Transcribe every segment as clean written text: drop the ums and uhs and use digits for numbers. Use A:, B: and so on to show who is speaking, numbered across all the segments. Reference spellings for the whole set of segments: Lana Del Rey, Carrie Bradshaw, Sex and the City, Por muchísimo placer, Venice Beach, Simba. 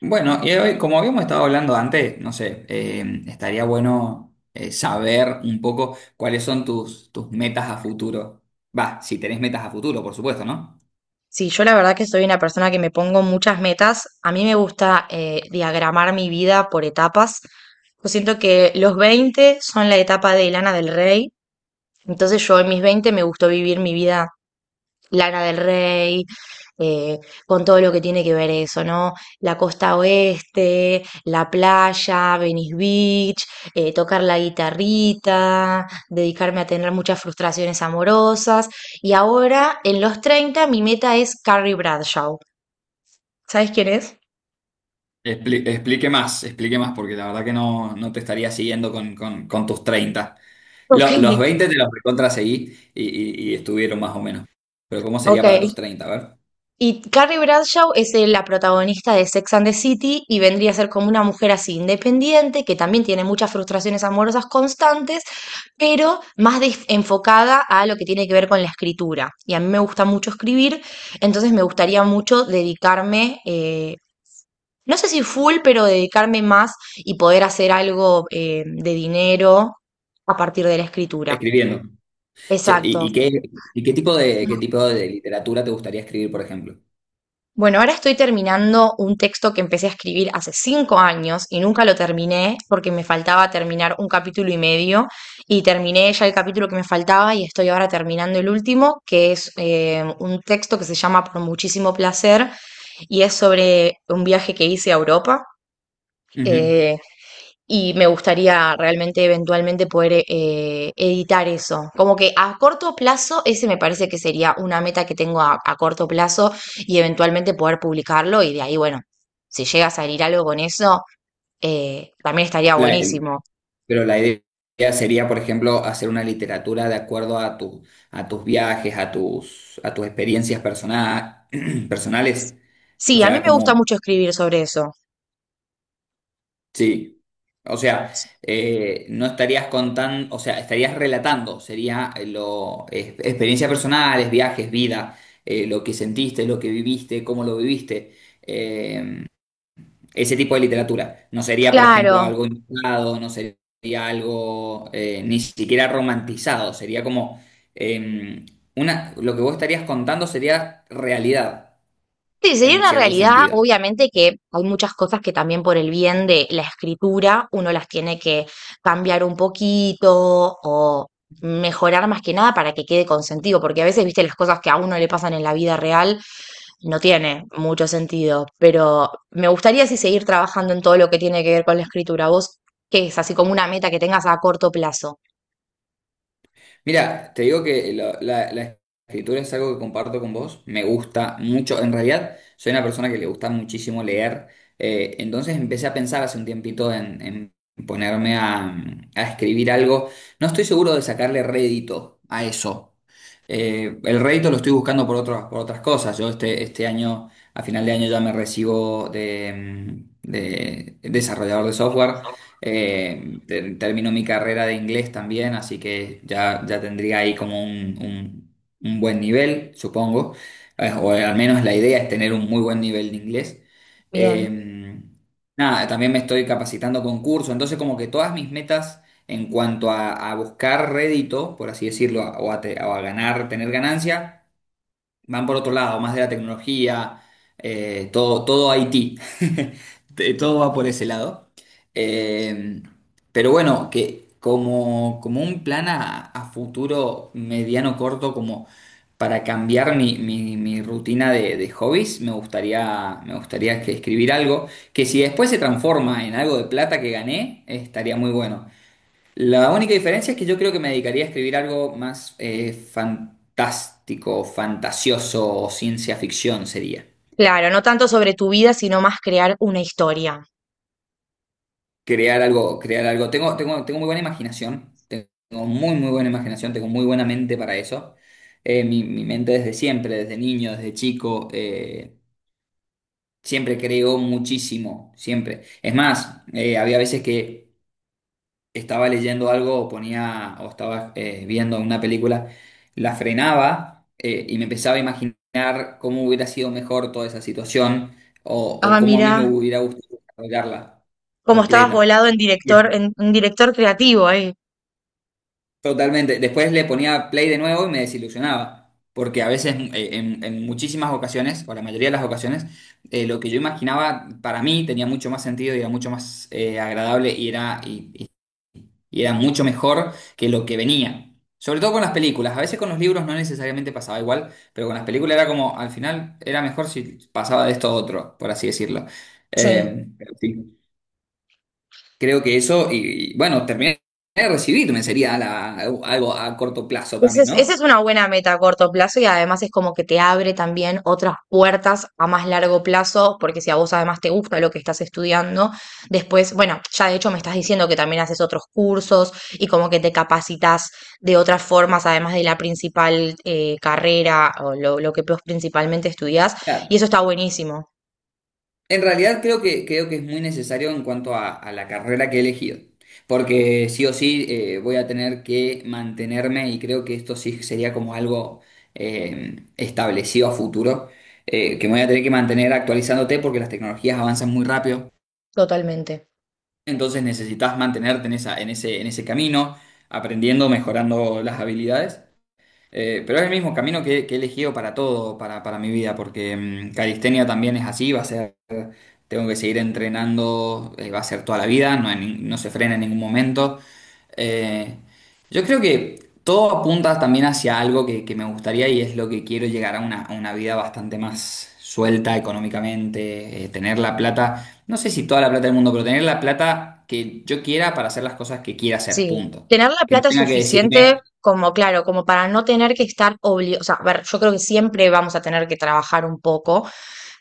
A: Bueno, y hoy, como habíamos estado hablando antes, no sé, estaría bueno saber un poco cuáles son tus metas a futuro. Va, si tenés metas a futuro, por supuesto, ¿no?
B: Sí, yo la verdad que soy una persona que me pongo muchas metas. A mí me gusta diagramar mi vida por etapas. Yo siento que los 20 son la etapa de Lana del Rey. Entonces yo en mis 20 me gustó vivir mi vida Lana del Rey, eh, con todo lo que tiene que ver eso, ¿no? La costa oeste, la playa, Venice Beach, tocar la guitarrita, dedicarme a tener muchas frustraciones amorosas. Y ahora, en los 30, mi meta es Carrie Bradshaw. ¿Sabes quién es?
A: ¿Explique más, explique más? Porque la verdad que no te estaría siguiendo con tus treinta.
B: Ok,
A: Los 20 te los recontra seguí y estuvieron más o menos. Pero ¿cómo sería para
B: ok.
A: tus treinta? A ver,
B: Y Carrie Bradshaw es la protagonista de Sex and the City y vendría a ser como una mujer así independiente, que también tiene muchas frustraciones amorosas constantes, pero enfocada a lo que tiene que ver con la escritura. Y a mí me gusta mucho escribir, entonces me gustaría mucho dedicarme, no sé si full, pero dedicarme más y poder hacer algo de dinero a partir de la escritura.
A: escribiendo. Che,
B: Exacto.
A: ¿y qué, y qué tipo de literatura te gustaría escribir, por ejemplo?
B: Bueno, ahora estoy terminando un texto que empecé a escribir hace 5 años y nunca lo terminé porque me faltaba terminar un capítulo y medio y terminé ya el capítulo que me faltaba y estoy ahora terminando el último, que es un texto que se llama Por muchísimo placer y es sobre un viaje que hice a Europa
A: Ujú.
B: eh, y me gustaría realmente eventualmente poder editar eso. Como que a corto plazo, ese me parece que sería una meta que tengo a corto plazo y eventualmente poder publicarlo y de ahí, bueno, si llega a salir algo con eso, también estaría buenísimo.
A: Pero la idea sería, por ejemplo, hacer una literatura de acuerdo a tu, a tus viajes, a tus experiencias personales.
B: Sí,
A: O
B: a mí
A: sea,
B: me gusta
A: como,
B: mucho escribir sobre eso.
A: sí. O sea, no estarías contando, o sea, estarías relatando, sería lo, experiencias personales, viajes, vida, lo que sentiste, lo que viviste, cómo lo viviste. Eh, Ese tipo de literatura. No sería, por ejemplo,
B: Claro,
A: algo inventado, no sería algo ni siquiera romantizado, sería como eh, una, lo que vos estarías contando sería realidad,
B: sí, sería
A: en
B: una
A: cierto
B: realidad,
A: sentido.
B: obviamente que hay muchas cosas que también por el bien de la escritura uno las tiene que cambiar un poquito o mejorar más que nada para que quede con sentido, porque a veces, viste, las cosas que a uno le pasan en la vida real no tiene mucho sentido, pero me gustaría sí seguir trabajando en todo lo que tiene que ver con la escritura. ¿Vos qué es? Así como una meta que tengas a corto plazo.
A: Mira, te digo que la escritura es algo que comparto con vos. Me gusta mucho. En realidad, soy una persona que le gusta muchísimo leer. Entonces empecé a pensar hace un tiempito en ponerme a escribir algo. No estoy seguro de sacarle rédito a eso. El rédito lo estoy buscando por por otras cosas. Yo este año, a final de año, ya me recibo de, de desarrollador de software. Termino mi carrera de inglés también, así que ya tendría ahí como un buen nivel, supongo. O al menos la idea es tener un muy buen nivel de inglés.
B: Bien.
A: Eh, nada, también me estoy capacitando con curso, entonces como que todas mis metas en cuanto a buscar rédito, por así decirlo, o a ganar, tener ganancia. Van por otro lado, más de la tecnología, todo IT. Todo va por ese lado. Eh, pero bueno, que como, como un plan a futuro mediano corto, como para cambiar mi rutina de hobbies, me gustaría que escribir algo que si después se transforma en algo de plata que gané, estaría muy bueno. La única diferencia es que yo creo que me dedicaría a escribir algo más fantástico, fantasioso o ciencia ficción sería.
B: Claro, no tanto sobre tu vida, sino más crear una historia.
A: Crear algo, crear algo. Tengo muy buena imaginación, tengo muy, muy buena imaginación, tengo muy buena mente para eso. Mi mente desde siempre, desde niño, desde chico, siempre creo muchísimo, siempre. Es más, había veces que estaba leyendo algo o ponía o estaba viendo una película, la frenaba y me empezaba a imaginar cómo hubiera sido mejor toda esa situación o
B: Ah,
A: cómo a mí me
B: mira,
A: hubiera gustado desarrollarla
B: como estabas
A: completa.
B: volado en director,
A: Y-
B: en un director creativo ahí.
A: Totalmente. Después le ponía play de nuevo y me desilusionaba. Porque a veces, en muchísimas ocasiones, o la mayoría de las ocasiones, lo que yo imaginaba para mí tenía mucho más sentido y era mucho más agradable y era y era mucho mejor que lo que venía. Sobre todo con las películas, a veces con los libros no necesariamente pasaba igual, pero con las películas era como, al final era mejor si pasaba de esto a otro, por así decirlo.
B: Sí,
A: Pero sí, creo que eso, y bueno, terminé de recibirme sería algo a corto plazo
B: ese
A: también,
B: esa es
A: ¿no?
B: una buena meta a corto plazo y además es como que te abre también otras puertas a más largo plazo, porque si a vos además te gusta lo que estás estudiando, después, bueno, ya de hecho me estás diciendo que también haces otros cursos y como que te capacitas de otras formas, además de la principal carrera o lo que vos principalmente estudiás, y
A: Claro,
B: eso está buenísimo,
A: en realidad creo que es muy necesario en cuanto a la carrera que he elegido, porque sí o sí voy a tener que mantenerme y creo que esto sí sería como algo establecido a futuro, que me voy a tener que mantener actualizándote porque las tecnologías avanzan muy rápido,
B: totalmente.
A: entonces necesitas mantenerte en esa, en ese camino, aprendiendo, mejorando las habilidades. Pero es el mismo camino que he elegido para todo, para mi vida, porque calistenia también es así, va a ser tengo que seguir entrenando, va a ser toda la vida, no, hay no se frena en ningún momento. Eh, yo creo que todo apunta también hacia algo que me gustaría y es lo que quiero llegar a una vida bastante más suelta económicamente, tener la plata, no sé si toda la plata del mundo, pero tener la plata que yo quiera para hacer las cosas que quiera hacer,
B: Sí,
A: punto.
B: tener la
A: Que no
B: plata
A: tenga que
B: suficiente
A: decirme...
B: como, claro, como para no tener que estar obligado, o sea, a ver, yo creo que siempre vamos a tener que trabajar un poco,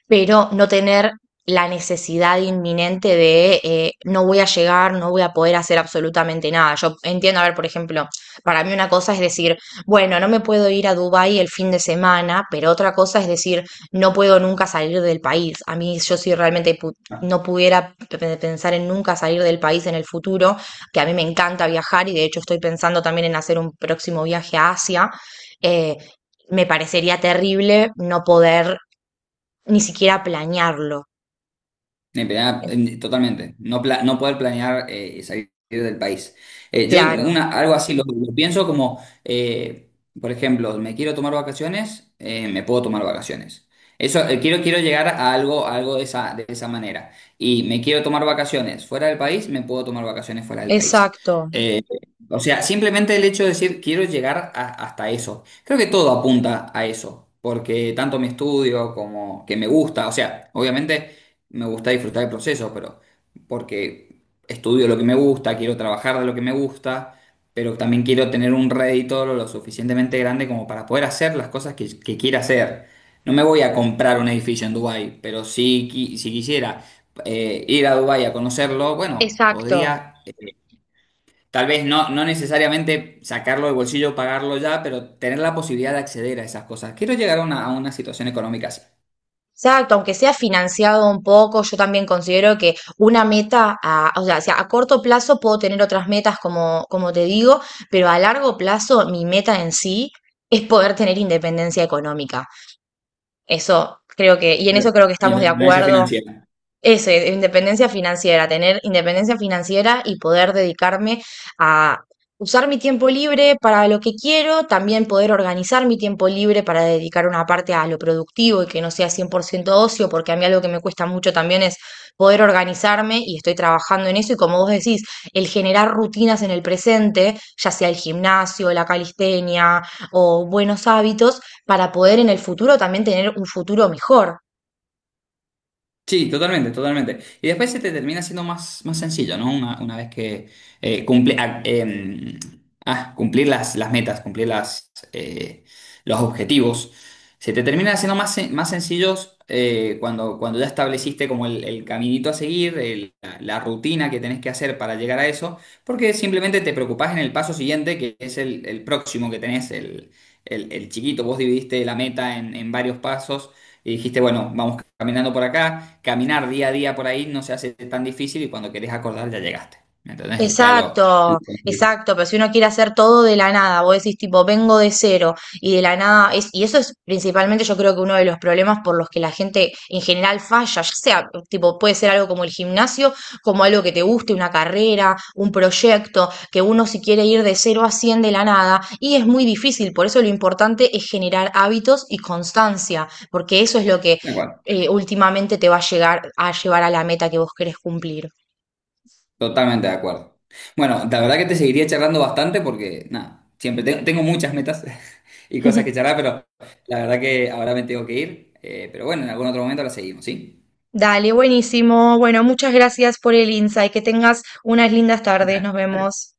B: pero no tener la necesidad inminente de no voy a llegar, no voy a poder hacer absolutamente nada. Yo entiendo, a ver, por ejemplo, para mí una cosa es decir, bueno, no me puedo ir a Dubái el fin de semana, pero otra cosa es decir, no puedo nunca salir del país. A mí yo si realmente
A: "Ah,
B: no pudiera pensar en nunca salir del país en el futuro, que a mí me encanta viajar y de hecho estoy pensando también en hacer un próximo viaje a Asia. eh, me parecería terrible no poder ni siquiera planearlo.
A: eh,
B: Eh,
A: totalmente. No poder planear salir del país. Yo
B: Claro,
A: una, algo así lo pienso como, por ejemplo, me quiero tomar vacaciones, me puedo tomar vacaciones. Eso, quiero llegar a algo de esa manera. Y me quiero tomar vacaciones fuera del país, me puedo tomar vacaciones fuera del país.
B: exacto,
A: Eh, o sea, simplemente el hecho de decir quiero llegar hasta eso. Creo que todo apunta a eso, porque tanto mi estudio como que me gusta, o sea, obviamente me gusta disfrutar el proceso, pero porque estudio lo que me gusta, quiero trabajar de lo que me gusta, pero también quiero tener un rédito lo suficientemente grande como para poder hacer las cosas que quiera hacer. No me voy a comprar un edificio en Dubái, pero si, si quisiera ir a Dubái a conocerlo, bueno,
B: exacto.
A: podría, tal vez no necesariamente sacarlo del bolsillo, pagarlo ya, pero tener la posibilidad de acceder a esas cosas. Quiero llegar a una situación económica así,
B: Exacto, aunque sea financiado un poco, yo también considero que una meta, a, o sea, si a corto plazo puedo tener otras metas como, como te digo, pero a largo plazo mi meta en sí es poder tener independencia económica. Eso creo que, y en
A: de
B: eso creo que estamos de
A: independencia
B: acuerdo.
A: financiera.
B: Eso, independencia financiera, tener independencia financiera y poder dedicarme a usar mi tiempo libre para lo que quiero, también poder organizar mi tiempo libre para dedicar una parte a lo productivo y que no sea 100% ocio, porque a mí algo que me cuesta mucho también es poder organizarme y estoy trabajando en eso y como vos decís, el generar rutinas en el presente, ya sea el gimnasio, la calistenia o buenos hábitos, para poder en el futuro también tener un futuro mejor.
A: Sí, totalmente, totalmente. Y después se te termina siendo más, más sencillo, ¿no? Una vez que cumple, ah, em, ah, cumplir las metas, cumplir las, los objetivos, se te termina siendo más, más sencillos cuando ya estableciste como el caminito a seguir, la rutina que tenés que hacer para llegar a eso, porque simplemente te preocupás en el paso siguiente, que es el próximo que tenés, el, el chiquito. Vos dividiste la meta en varios pasos y dijiste, bueno, vamos caminando por acá, caminar día a día por ahí no se hace tan difícil y cuando querés acordar ya llegaste. Entonces ya lo
B: Exacto,
A: conseguiste.
B: exacto, pero si uno quiere hacer todo de la nada, vos decís tipo, vengo de cero y de la nada, es, y eso es principalmente yo creo que uno de los problemas por los que la gente en general falla, ya sea tipo, puede ser algo como el gimnasio, como algo que te guste, una carrera, un proyecto, que uno si quiere ir de 0 a 100 de la nada, y es muy difícil, por eso lo importante es generar hábitos y constancia, porque eso es lo que
A: De acuerdo,
B: últimamente te va a llegar a llevar a la meta que vos querés cumplir.
A: totalmente de acuerdo. Bueno, la verdad que te seguiría charlando bastante porque, nada, siempre tengo muchas metas y cosas que charlar, pero la verdad que ahora me tengo que ir. Pero bueno, en algún otro momento la seguimos, ¿sí?
B: Dale, buenísimo. Bueno, muchas gracias por el insight. Que tengas unas lindas tardes. Nos vemos.